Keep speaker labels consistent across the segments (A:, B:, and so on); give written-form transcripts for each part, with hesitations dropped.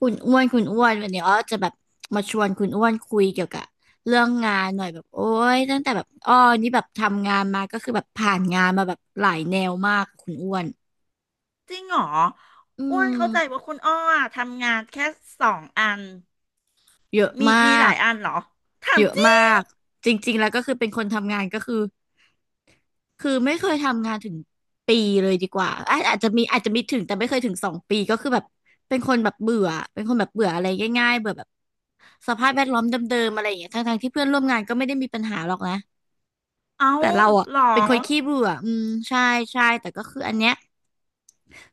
A: คุณอ้วนคุณอ้วนวันนี้อ้อจะแบบมาชวนคุณอ้วนคุยเกี่ยวกับเรื่องงานหน่อยแบบโอ้ยตั้งแต่แบบอ้อนี่แบบทำงานมาก็คือแบบผ่านงานมาแบบหลายแนวมากคุณอ้วน
B: จริงเหรอ
A: อื
B: อ้วนเข้าใจ
A: ม
B: ว่าคุณอ้ออะทำงานแค่สองอัน
A: เยอะ
B: มี
A: ม
B: มี
A: า
B: หลา
A: ก
B: ยอันเหรอถา
A: เย
B: ม
A: อะ
B: จริ
A: มา
B: ง
A: กจริงๆแล้วก็คือเป็นคนทำงานก็คือคือไม่เคยทำงานถึงปีเลยดีกว่าอาจจะมีถึงแต่ไม่เคยถึง2 ปีก็คือแบบเป็นคนแบบเบื่อเป็นคนแบบเบื่ออะไรง่ายๆเบื่อแบบสภาพแวดล้อมเดิมๆอะไรอย่างเงี้ยทั้งๆที่เพื่อนร่วมงานก็ไม่ได้มีปัญหาหรอกนะ
B: เอา
A: แต่เราอ่ะ
B: เหรอ
A: เป็นคนขี้เบื่ออืมใช่ใช่แต่ก็คืออันเนี้ย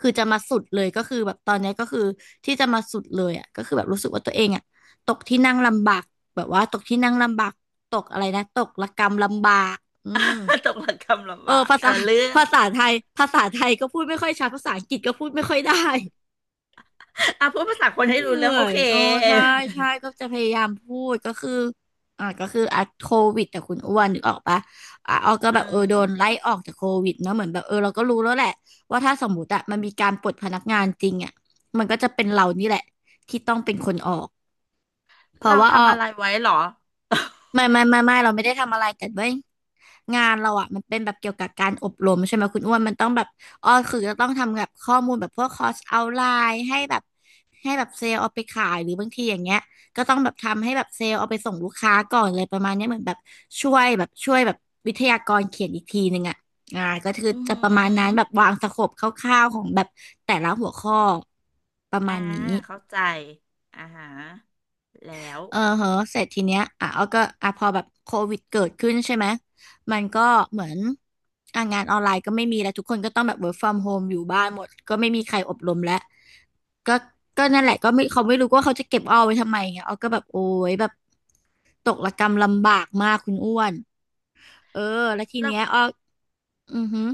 A: คือจะมาสุดเลยก็คือแบบตอนเนี้ยก็คือที่จะมาสุดเลยอ่ะก็คือแบบรู้สึกว่าตัวเองอ่ะตกที่นั่งลำบากแบบว่าตกที่นั่งลำบากตกอะไรนะตกระกำลำบากอืม
B: ตกหลักคำ
A: เอ
B: ลำ
A: อ
B: บาก
A: ภา
B: เออ
A: ษา
B: เรื่อง
A: ภาษาไทยภาษาไทยก็พูดไม่ค่อยชัดภาษาอังกฤษก็พูดไม่ค่อยได้
B: อ่ะพูดภาษาคนให้
A: เห
B: รู้
A: นื่
B: เรื่อ
A: อ
B: งโอ
A: ย
B: เค
A: โอ้ใช่ ใช่ ก็ จะพยายามพูด ก็คือก็คือโควิดแต่คุณอ้วนนึกออกปะอ่ะออกก็
B: อื
A: แบบเออ
B: ม
A: โดนไล่ออกจากโควิดเนอะเหมือนแบบเออเราก็รู้แล้วแหละว่าถ้าสมมติอะมันมีการปลดพนักงานจริงอะมันก็จะเป็นเรานี่แหละที่ต้องเป็นคนออกเพราะ
B: เรา
A: ว่าอ้
B: ทำอะ
A: ก
B: ไรไว้เหรอ
A: ไม่เราไม่ได้ทำอะไรแต่เว้ยงานเราอ่ะมันเป็นแบบเกี่ยวกับการอบรมใช่ไหมคุณอ้วนมันต้องแบบอ๋อคือจะต้องทำแบบข้อมูลแบบพวกคอร์สเอาไลน์ให้แบบให้แบบเซลล์เอาไปขายหรือบางทีอย่างเงี้ยก็ต้องแบบทำให้แบบเซลล์เอาไปส่งลูกค้าก่อนเลยประมาณเนี้ยเหมือนแบบช่วยแบบวิทยากรเขียนอีกทีหนึ่งอ่ะอ่าก็คือ
B: อือ
A: จะ
B: หื
A: ประมาณนั้
B: อ
A: นแบบวางสโคปคร่าวๆของแบบแต่ละหัวข้อประมา
B: อ่า
A: ณนี้
B: เข้าใจอ่าฮะแล้ว
A: เออเหอะเสร็จทีเนี้ยอ่ะเอาก็อ่ะพอแบบโควิดเกิดขึ้นใช่ไหมมันก็เหมือนอ่ะงานออนไลน์ก็ไม่มีแล้วทุกคนก็ต้องแบบ work from home อยู่บ้านหมดก็ไม่มีใครอบรมแล้วก็ก็นั่นแหละก็ไม่เขาไม่รู้ว่าเขาจะเก็บอ้อไว้ทำไมไงเอาก็แบบโอ้ยแบบตกระกำลำบากมากคุณอ้วนเออแล้วที
B: แล้ว
A: เนี้ยอ้ออือหือ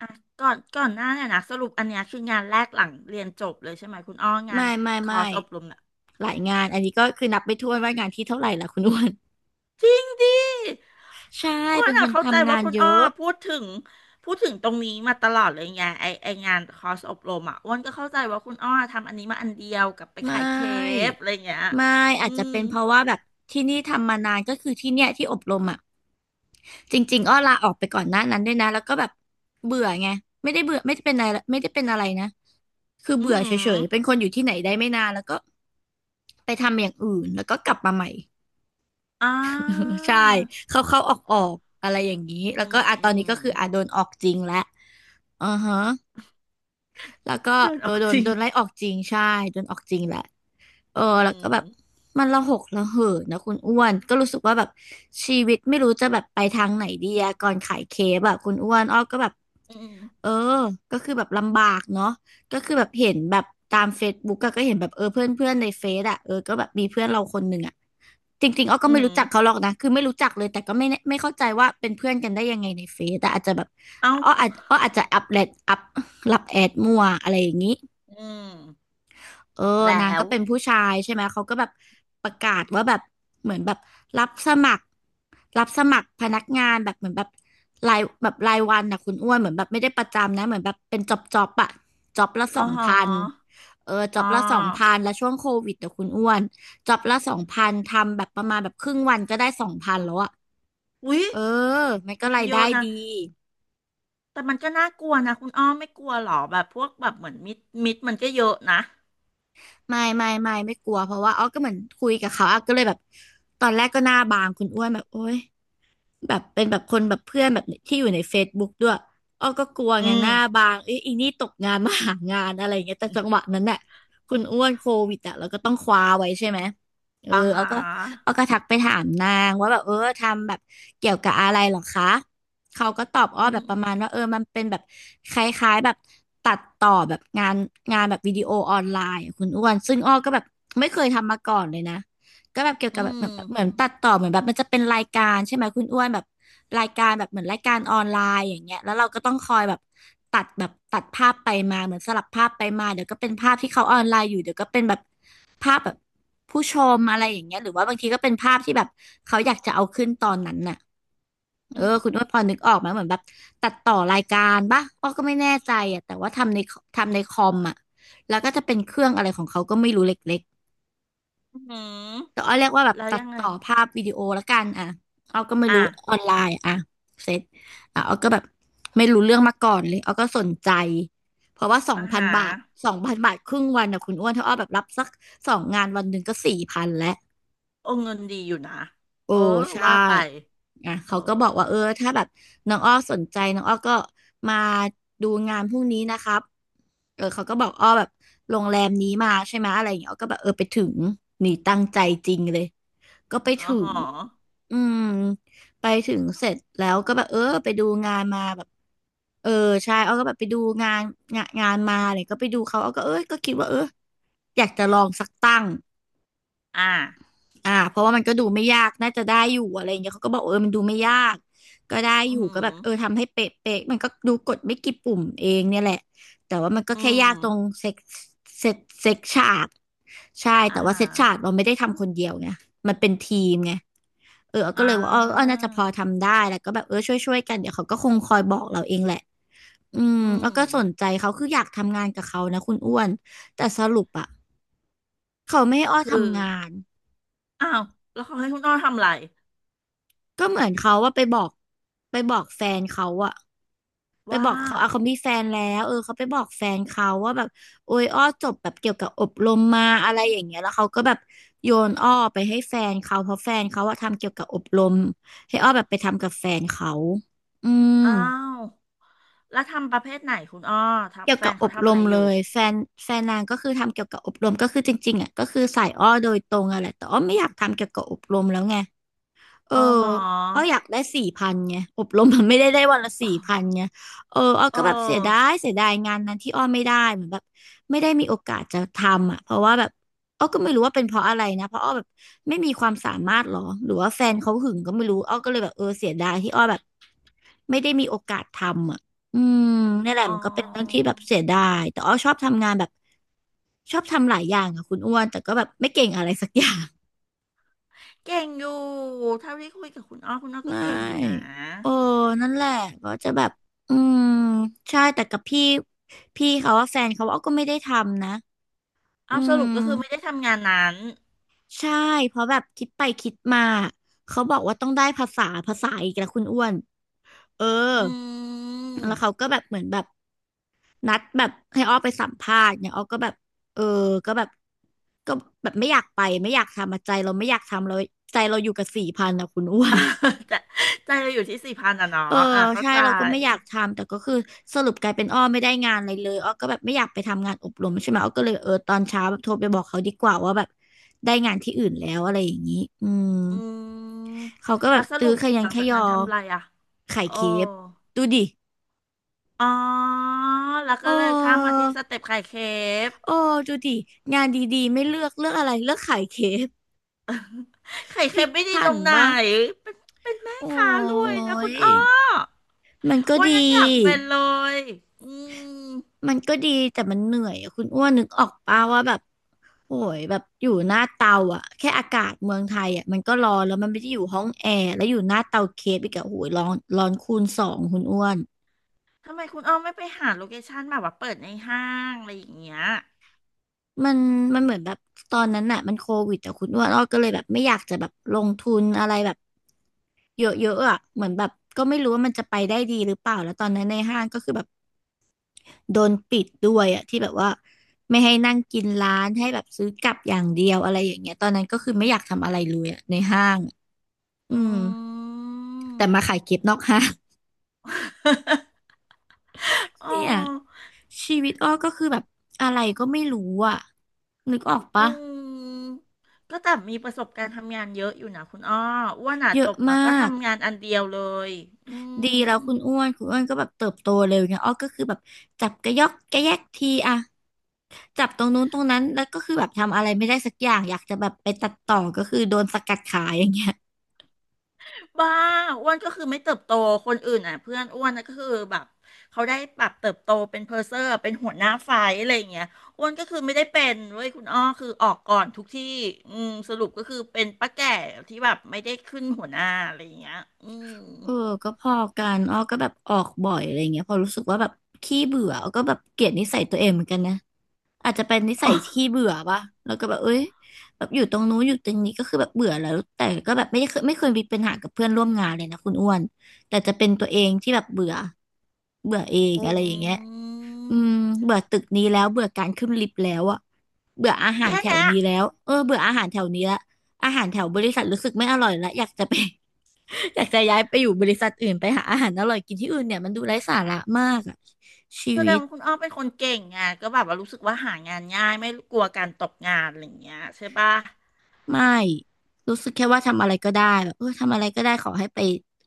B: อ่ะก่อนหน้าเนี่ยนะสรุปอันเนี้ยคืองานแรกหลังเรียนจบเลยใช่ไหมคุณอ้องาน
A: ไม่ไม่
B: ค
A: ไม่
B: อร์สอบรม
A: หลายงานอันนี้ก็คือนับไปทั่ถ้วนว่างานที่เท่าไหร่ล่ะคุณอ้วน
B: จริงดิ
A: ใช่
B: อ้วน
A: เป็นค
B: อะ
A: น
B: เข้าใจ
A: ทำงา
B: ว่า
A: น
B: คุณ
A: เย
B: อ้อ
A: อะ
B: พูดถึงพูดถึงตรงนี้มาตลอดเลยไงไองานคอร์สอบรมอ่ะอ้วนก็เข้าใจว่าคุณอ้อทำอันนี้มาอันเดียวกับไป
A: ไม
B: ขายเค
A: ่
B: ปอะไรเงี้ย
A: ไม่
B: อื
A: อาจจะ
B: ม
A: เป็นเพราะว่าแบบที่นี่ทำมานานก็คือที่เนี่ยที่อบรมอ่ะจริงๆอ้อลาออกไปก่อนหน้านั้นด้วยนะแล้วก็แบบเบื่อไงไม่ได้เบื่อไม่ได้เป็นอะไรไม่ได้เป็นอะไรนะคือ
B: อืม
A: เบื่
B: อ
A: อเฉยๆเป็น
B: ห
A: คนอยู่ที่ไหนได้ไม่นานแล้วก็ไปทำอย่างอื่นแล้วก็กลับมาใหม่
B: อ่า
A: ใช่เข้าเข้าออกออกๆอะไรอย่างนี้
B: อื
A: แล้วก็
B: ม
A: อ่ะ
B: อื
A: ตอนนี้ก็
B: ม
A: คืออ่ะโดนออกจริงแล้วอือฮะ แล้วก็
B: เดินอ
A: โด
B: อก
A: นโดน
B: จริง
A: โดนไล่ออกจริงใช่โดนออกจริงแหละเออ
B: อื
A: แล้วก็แบบ
B: ม
A: มันระหกระเหินนะคุณอ้วนก็รู้สึกว่าแบบชีวิตไม่รู้จะแบบไปทางไหนดีอะก่อนขายเคแบบคุณอ้วนอ้อก็แบบ
B: อืม
A: เออก็คือแบบลำบากเนาะ ก็คือแบบเห็นแบบตามเฟซบุ๊กก็เห็นแบบเออเพื่อนเพื่อนในเฟซอะเออก็แบบมีเพื่อนเราคนหนึ่งอะจริงๆอ้อก็
B: อื
A: ไม่
B: ม
A: รู้จักเขาหรอกนะคือไม่รู้จักเลยแต่ก็ไม่แน่ไม่เข้าใจว่าเป็นเพื่อนกันได้ยังไงในเฟซแต่อาจจะแบบ
B: เอ้า
A: อ้ออาจจะอัปรับแอดมั่วอะไรอย่างนี้
B: อืม
A: เออ
B: แล้
A: นางก็
B: ว
A: เป็นผู้ชายใช่ไหมเขาก็แบบประกาศว่าแบบเหมือนแบบรับสมัครรับสมัครพนักงานแบบเหมือนแบบรายวันนะคุณอ้วนเหมือนแบบไม่ได้ประจำนะเหมือนแบบเป็นจ็อบจ็อบอะจ็อบละ
B: อ๋
A: ส
B: อ
A: อง
B: ฮ
A: พัน
B: ะ
A: เออจ็
B: อ๋
A: อบละสองพั
B: อ
A: นแล้วช่วงโควิดแต่คุณอ้วนจ็อบละสองพันทำแบบประมาณแบบครึ่งวันก็ได้สองพันแล้วอะ
B: อุ๊ย
A: เออมันก็
B: เงิน
A: ราย
B: เย
A: ได้
B: อะนะ
A: ดี
B: แต่มันก็น่ากลัวนะคุณอ้อมไม่กลัวหรอแบบพวกแบบเหมือนมิดมันก็เยอะนะ
A: ไม่กลัวเพราะว่าอ๋อก็เหมือนคุยกับเขาอ่ะก็เลยแบบตอนแรกก็หน้าบางคุณอ้วนแบบโอ๊ย แบบเป็นแบบคนแบบเพื่อนแบบที่อยู่ใน Facebook ด้วยอ้อก็กลัว
B: อื
A: ไงห
B: ม
A: น้าบางเอ้ยอีนี่ตกงานมาหางานอะไรอย่างเงี้ยแต่จังหวะนั้นน่ะคุณอ้วนโควิดอ่ะเราก็ต้องคว้าไว้ใช่ไหมเออ
B: อ่าฮ
A: เอาก็
B: ะ
A: เอาก็ทักไปถามนางว่าแบบทำแบบเกี่ยวกับอะไรเหรอคะเขาก็ตอบอ้
B: อื
A: อแบบป
B: ม
A: ระมาณว่าเออมันเป็นแบบคล้ายๆแบบตัดต่อแบบงานแบบวิดีโอออนไลน์อะคุณอ้วนซึ่งอ้อก็แบบไม่เคยทำมาก่อนเลยนะ ก็แบบเกี่ยว
B: อื
A: กับแบบแบ
B: ม
A: บเหมือนตัดต่อเหมือนแบบมันจะเป็นรายการใช่ไหมคุณอ้วนแบบรายการแบบเหมือนรายการออนไลน์อย่างเงี้ยแล้วเราก็ต้องคอยแบบตัดภาพไปมาเหมือนสลับภาพไปมาเดี๋ยวก็เป็นภาพที่เขาออนไลน์อยู่เดี๋ยวก็เป็นแบบภาพแบบผู้ชมอะไรอย่างเงี้ยหรือว่าบางทีก็เป็นภาพที่แบบเขาอยากจะเอาขึ้นตอนนั้นน่ะเอ
B: อื
A: อ
B: ม
A: คุณอ้วนพอนึกออกไหมเหมือนแบบตัดต่อรายการปะอ้อก็ไม่แน่ใจอ่ะแต่ว่าทำในคอมอ่ะแล้วก็จะเป็นเครื่องอะไรของเขาก็ไม่รู้เล็ก
B: อืม
A: แต่อ้อเรียกว่าแบบ
B: แล้ว
A: ตั
B: ยั
A: ด
B: งไง
A: ต่อภาพวิดีโอละกันอ่ะอ้อก็ไม่
B: อ่ะ
A: รู้ออนไลน์อ่ะเสร็จอ่ะอ้อก็แบบไม่รู้เรื่องมาก่อนเลยอ้อก็สนใจเพราะว่าสอง
B: อ่า
A: พัน
B: ฮะ
A: บาทสองพันบาทครึ่งวันนะคุณอ้วนถ้าอ้อแบบรับสักสองงานวันหนึ่งก็สี่พันแล้ว
B: โอ้เงินดีอยู่นะ
A: โอ้
B: เออ
A: ใช่
B: ว่าไป
A: อ่ะ
B: เออ
A: เขาก็บอกว่าเออถ้าแบบน้องอ้อสนใจน้องอ้อก็มาดูงานพรุ่งนี้นะครับเออเขาก็บอกอ้อแบบโรงแรมนี้มาใช่ไหมอะไรอย่างเงี้ยอ้อก็แบบเออไปถึงนี่ตั้งใจจริงเลย ก็ไป
B: อ๋อ
A: ถึ
B: ห
A: ง
B: อ
A: อืมไปถึงเสร็จแล้วก็แบบเออไปดูงานมาแบบเออใช่เอาก็แบบไปดูงานงานมาเนี่ยก็ไปดูเขาเอาก็เออก็คิดว่าเอออยากจะลองสักตั้ง
B: อ่า
A: อ่าเพราะว่ามันก็ดูไม่ยากน่าจะได้อยู่อะไรอย่างเงี้ยเขาก็บอกเออมันดูไม่ยากก็ได้
B: อื
A: อยู่ก็
B: ม
A: แบบเออทำให้เป๊ะเป๊ะมันก็ดูกดไม่กี่ปุ่มเองเนี่ยแหละแต่ว่ามันก็
B: อื
A: แค่ยากตรง
B: ม
A: เซ็กเซ็กฉากใช่
B: อ่า
A: แต่ว่า
B: ฮะ
A: เซ็กฉากเราไม่ได้ทำคนเดียวไงมันเป็นทีมไง เออก็
B: อ่
A: เลยว่าอ้อ
B: า
A: น่าจะพอทำได้ แล้วก็แบบเออช่วยกันเดี๋ยวเขาก็คงคอยบอกเราเองแหละอื
B: อื
A: มอ้
B: ม
A: อก็สนใจเขาคืออยากทำงานกับเขานะคุณอ้วนแต่สรุปอะเขาไม่ให้อ้อ
B: คือ
A: ทำงาน
B: อ้าวแล้วเขาให้คุณอ้อทำอะไร
A: ก็เหมือนเขาว่าไปบอกแฟนเขาอะไป
B: ว่า
A: บอกเขาอ่ะเขามีแฟนแล้วเออเขาไปบอกแฟนเขาว่าแบบโอ้ยอ้อจบแบบเกี่ยวกับอบรมมาอะไรอย่างเงี้ยแล้วเขาก็แบบโยนอ้อไปให้แฟนเขาเพราะแฟนเขาอะทำเกี่ยวกับอบรมให้อ้อแบบไปทำกับแฟนเขาอืม
B: อ้าว แล้วทำประเภทไหนคุณอ้อทับ
A: เกี่ยว
B: แฟ
A: กับ
B: น
A: อ
B: เขา
A: บ
B: ทำ
A: ร
B: อะ
A: ม
B: ไรอ
A: เล
B: ยู่
A: ยแฟนนางก็คือทำเกี่ยวกับอบรมก็คือจริงๆอ่ะก็คือสายอ้อโดยตรงอะแหละแต่อ้อไม่อยากทำเกี่ยวกับอบรมแล้วไง เออ
B: อ๋อหอ
A: อ้ออยากได้สี่พันไงอบรมมันไม่ได้ได้วันละสี่พันไงเอออ้อ
B: เอ
A: ก็แบบเสียดา
B: อ
A: ยเสียดายงานนั้นที่อ้อไม่ได้เหมือนแบบไม่ได้มีโอกาสจะทำอ่ะเพราะว่าแบบอ้อก็ไม่รู้ว่าเป็นเพราะอะไรนะเพราะอ้อแบบไม่มีความสามารถหรอหรือว่าแฟนเขาหึงก็ไม่รู้อ้อก็เลยแบบเออเสียดายที่อ้อแบบไม่ได้มีโอกาสทำอ่ะอืมนี่นแหละ
B: อ๋
A: มันก็เป็นเรื่องที่
B: อ
A: แบบเสียดายแต่อ้อชอบทำงานแบบชอบทำหลายอย่างอะคุณอ้วนแต่ก็แบบไม่เก่งอะไรสักอย่าง
B: เก่งอยู่เท่าที่คุยกับคุณอ้อคุณอ้อ
A: ไม
B: ก็เก่งอยู่นะ
A: ่ เออ นั่นแหละก็จะแบบอืมใช่แต่กับพี่เขาว่าแฟนเขาว่าก็ไม่ได้ทำนะ อื
B: เอาสรุ
A: ม
B: ปก็คือไม่ได้ทำงานนั้น
A: ใช่เพราะแบบคิดไปคิดมา เขาบอกว่าต้องได้ภาษาอีกแล้วคุณอ้วนเออ
B: อื
A: แล้วเขา
B: ม
A: ก็แบบเหมือนแบบนัดแบบให้อ้อไปสัมภาษณ์เนี่ยอ้อก็แบบเออก็แบบก็แบบไม่อยากไปไม่อยากทำอะใจเราไม่อยากทำเราใจเราอยู่กับสี่พันอะคุณอ้วน
B: ใจใจเราอยู่ที่สี่พันอ่ะเนาะ
A: เออ
B: อ่าเข้า
A: ใช่
B: ใจ
A: เราก็ไม่อยากทำแต่ก็คือสรุปกลายเป็นอ้อไม่ได้งานอะไรเลยอ้อก็แบบไม่อยากไปทำงานอบรมใช่ไหมอ้อก็เลยเออตอนเช้าแบบโทรไปบอกเขาดีกว่าว่าแบบได้งานที่อื่นแล้วอะไรอย่างนี้อืม
B: อืม
A: เขาก็แบ
B: แล้ว
A: บ
B: ส
A: ตื้
B: รุ
A: อ
B: ป
A: ขยั
B: ห
A: น
B: ลัง
A: ข
B: จาก
A: ย
B: นั้
A: อ
B: นทำอะไรอ่ะ
A: ไข่
B: โอ้
A: เคฟดูดิ
B: อ๋อแล้วก็
A: โอ้
B: เลยข้ามมาที่สเต็ปไข่เค้ก
A: โอ้ดูดิงานดีๆไม่เลือกเลือกอะไรเลือกไข่เคฟ
B: ไข่
A: พลิ
B: เค็ม
A: ก
B: ไม่ดี
A: ผั
B: ต
A: น
B: รงไหน
A: บ้าง
B: เป็นเป็นแม่
A: โอ
B: ค้าร
A: ้
B: วยนะคุณอ้อ
A: ยมันก็
B: อ้วัน
A: ดี
B: ยังอยากเป็นเลย อืม
A: มันก็ดีแต่มันเหนื่อยอะคุณอ้วนนึกออกป่าว่าแบบโอ้ยแบบอยู่หน้าเตาอ่ะแค่อากาศเมืองไทยอ่ะมันก็ร้อนแล้วมันไม่ได้อยู่ห้องแอร์แล้วอยู่หน้าเตาเคฟอีกอะโอ้ยร้อนร้อนคูณสองคุณอ้วน
B: ทำไมคุณอ้อไม่ไปหาโลเคชั่นแบบว่าเปิดในห้างอะไรอย่างเงี้ย
A: มันมันเหมือนแบบตอนนั้นน่ะมันโควิดแต่คุณอ้วนอ้อก็เลยแบบไม่อยากจะแบบลงทุนอะไรแบบเยอะๆอ่ะเหมือนแบบก็ไม่รู้ว่ามันจะไปได้ดีหรือเปล่าแล้วตอนนั้นในห้างก็คือแบบ โดนปิดด้วยอะที่แบบว่าไม่ให้นั่งกินร้านให้แบบซื้อกลับอย่างเดียวอะไรอย่างเงี้ยตอนนั้นก็คือไม่อยากทำอะไรเลยอะในห้างอะอื
B: อ
A: ม
B: ื
A: แต่
B: ม
A: มาขายเก็บนอกห้าง
B: อ๋ อ
A: เนี่ยชีวิตอ้อก็คือแบบอะไรก็ไม่รู้อะนึกออก
B: อื
A: ปะ
B: มก็แต่มีประสบการณ์ทำงานเยอะอยู่นะคุณอ้ออ้วนอ่ะ
A: เย
B: จ
A: อะ
B: บมา
A: มา
B: ก็
A: ก
B: ทำงานอันเดียวเลยอื
A: ดี
B: ม
A: แล้วคุณอ้วนคุณอ้วนก็แบบเติบโตเร็วเนี่ยอ้อก็คือแบบจับกระยอกกระแยกทีอะจับตรงนู้นตรงนั้นแล้วก็คือแบบทำอะไรไม่ได้สักอย่างอยากจะแบบไปตัดต่อก็คือโดนสกัดขายอย่างเงี้ย
B: บ้าอ้วนก็คือไม่เติบโตคนอื่นอ่ะเพื่อนอ้วนนะก็คือแบบเขาได้ปรับเติบโตเป็นเพอร์เซอร์เป็นหัวหน้าฝ่ายอะไรอย่างเงี้ยอ้วนก็คือไม่ได้เป็นเว้ยคุณอ้อคือออกก่อนทุกที่อืมสรุปก็คือเป็นป้าแก่ที่แบบไม่ได้ขึ้นหัวหน้าอะไรอย่างเงี้ยอืม
A: เออก็พอกันอ้อก็แบบออกบ่อยอะไรเงี้ยพอรู้สึกว่าแบบขี้เบื่ออ้อก็แบบเกลียดนิสัยตัวเองเหมือนกันนะอาจจะเป็นนิสั
B: อ๋อ
A: ยขี้เบื่อป่ะแล้วก็แบบเอ้ยแบบอยู่ตรงนู้นอยู่ตรงนี้ก็คือแบบเบื่อแล้วแต่ก็แบบไม่เคยมีปัญหากับเพื่อนร่วมงานเลยนะคุณอ้วนแต่จะเป็นตัวเองที่แบบเบื่อเบื่อเอง
B: อ
A: อะไรอย่างเงี้ย
B: ื
A: อืม
B: ม
A: เบื่อตึกนี้แล้วเบื่อการขึ้นลิฟต์แล้วอะเบื่ออาหาร
B: แค่
A: แถว
B: นี้
A: นี้แล้วเออเบื่ออาหารแถวนี้ละอาหารแถวบริษัทรู้สึกไม่อร่อยละอยากจะไป อยากจะย้ายไปอยู่บริษัทอื่นไปหาอาหารอร่อยกินที่อื่นเนี่ยมันดูไร้สาระมากอะชี
B: แสด
A: วิ
B: ง
A: ต
B: ว่าคุณอ้อเป็นคนเก่งไงก็แบบว่ารู้สึกว่าหางานง่ายไม่กลัวการตกงานอะไรอย่างเงี้ยใช่ปะ
A: ไม่รู้สึกแค่ว่าทำอะไรก็ได้แบบเออทำอะไรก็ได้ขอให้ไป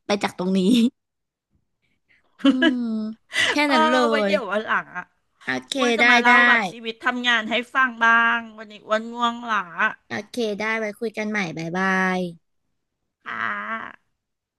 A: ไปจากตรงนี้ อืมแค่
B: เออ
A: นั้นเล
B: ไว้
A: ย
B: เดี๋ยววันหลังอ่ะ
A: โอเค
B: อ้วนจะ
A: ได้
B: มาเล่า
A: ได้
B: แบบชีวิตทำงานให้ฟังบ้างวันนี้อ้วนง่วงหลา
A: โอเคได้ไว้คุยกันใหม่บ๊ายบาย
B: ค่ะ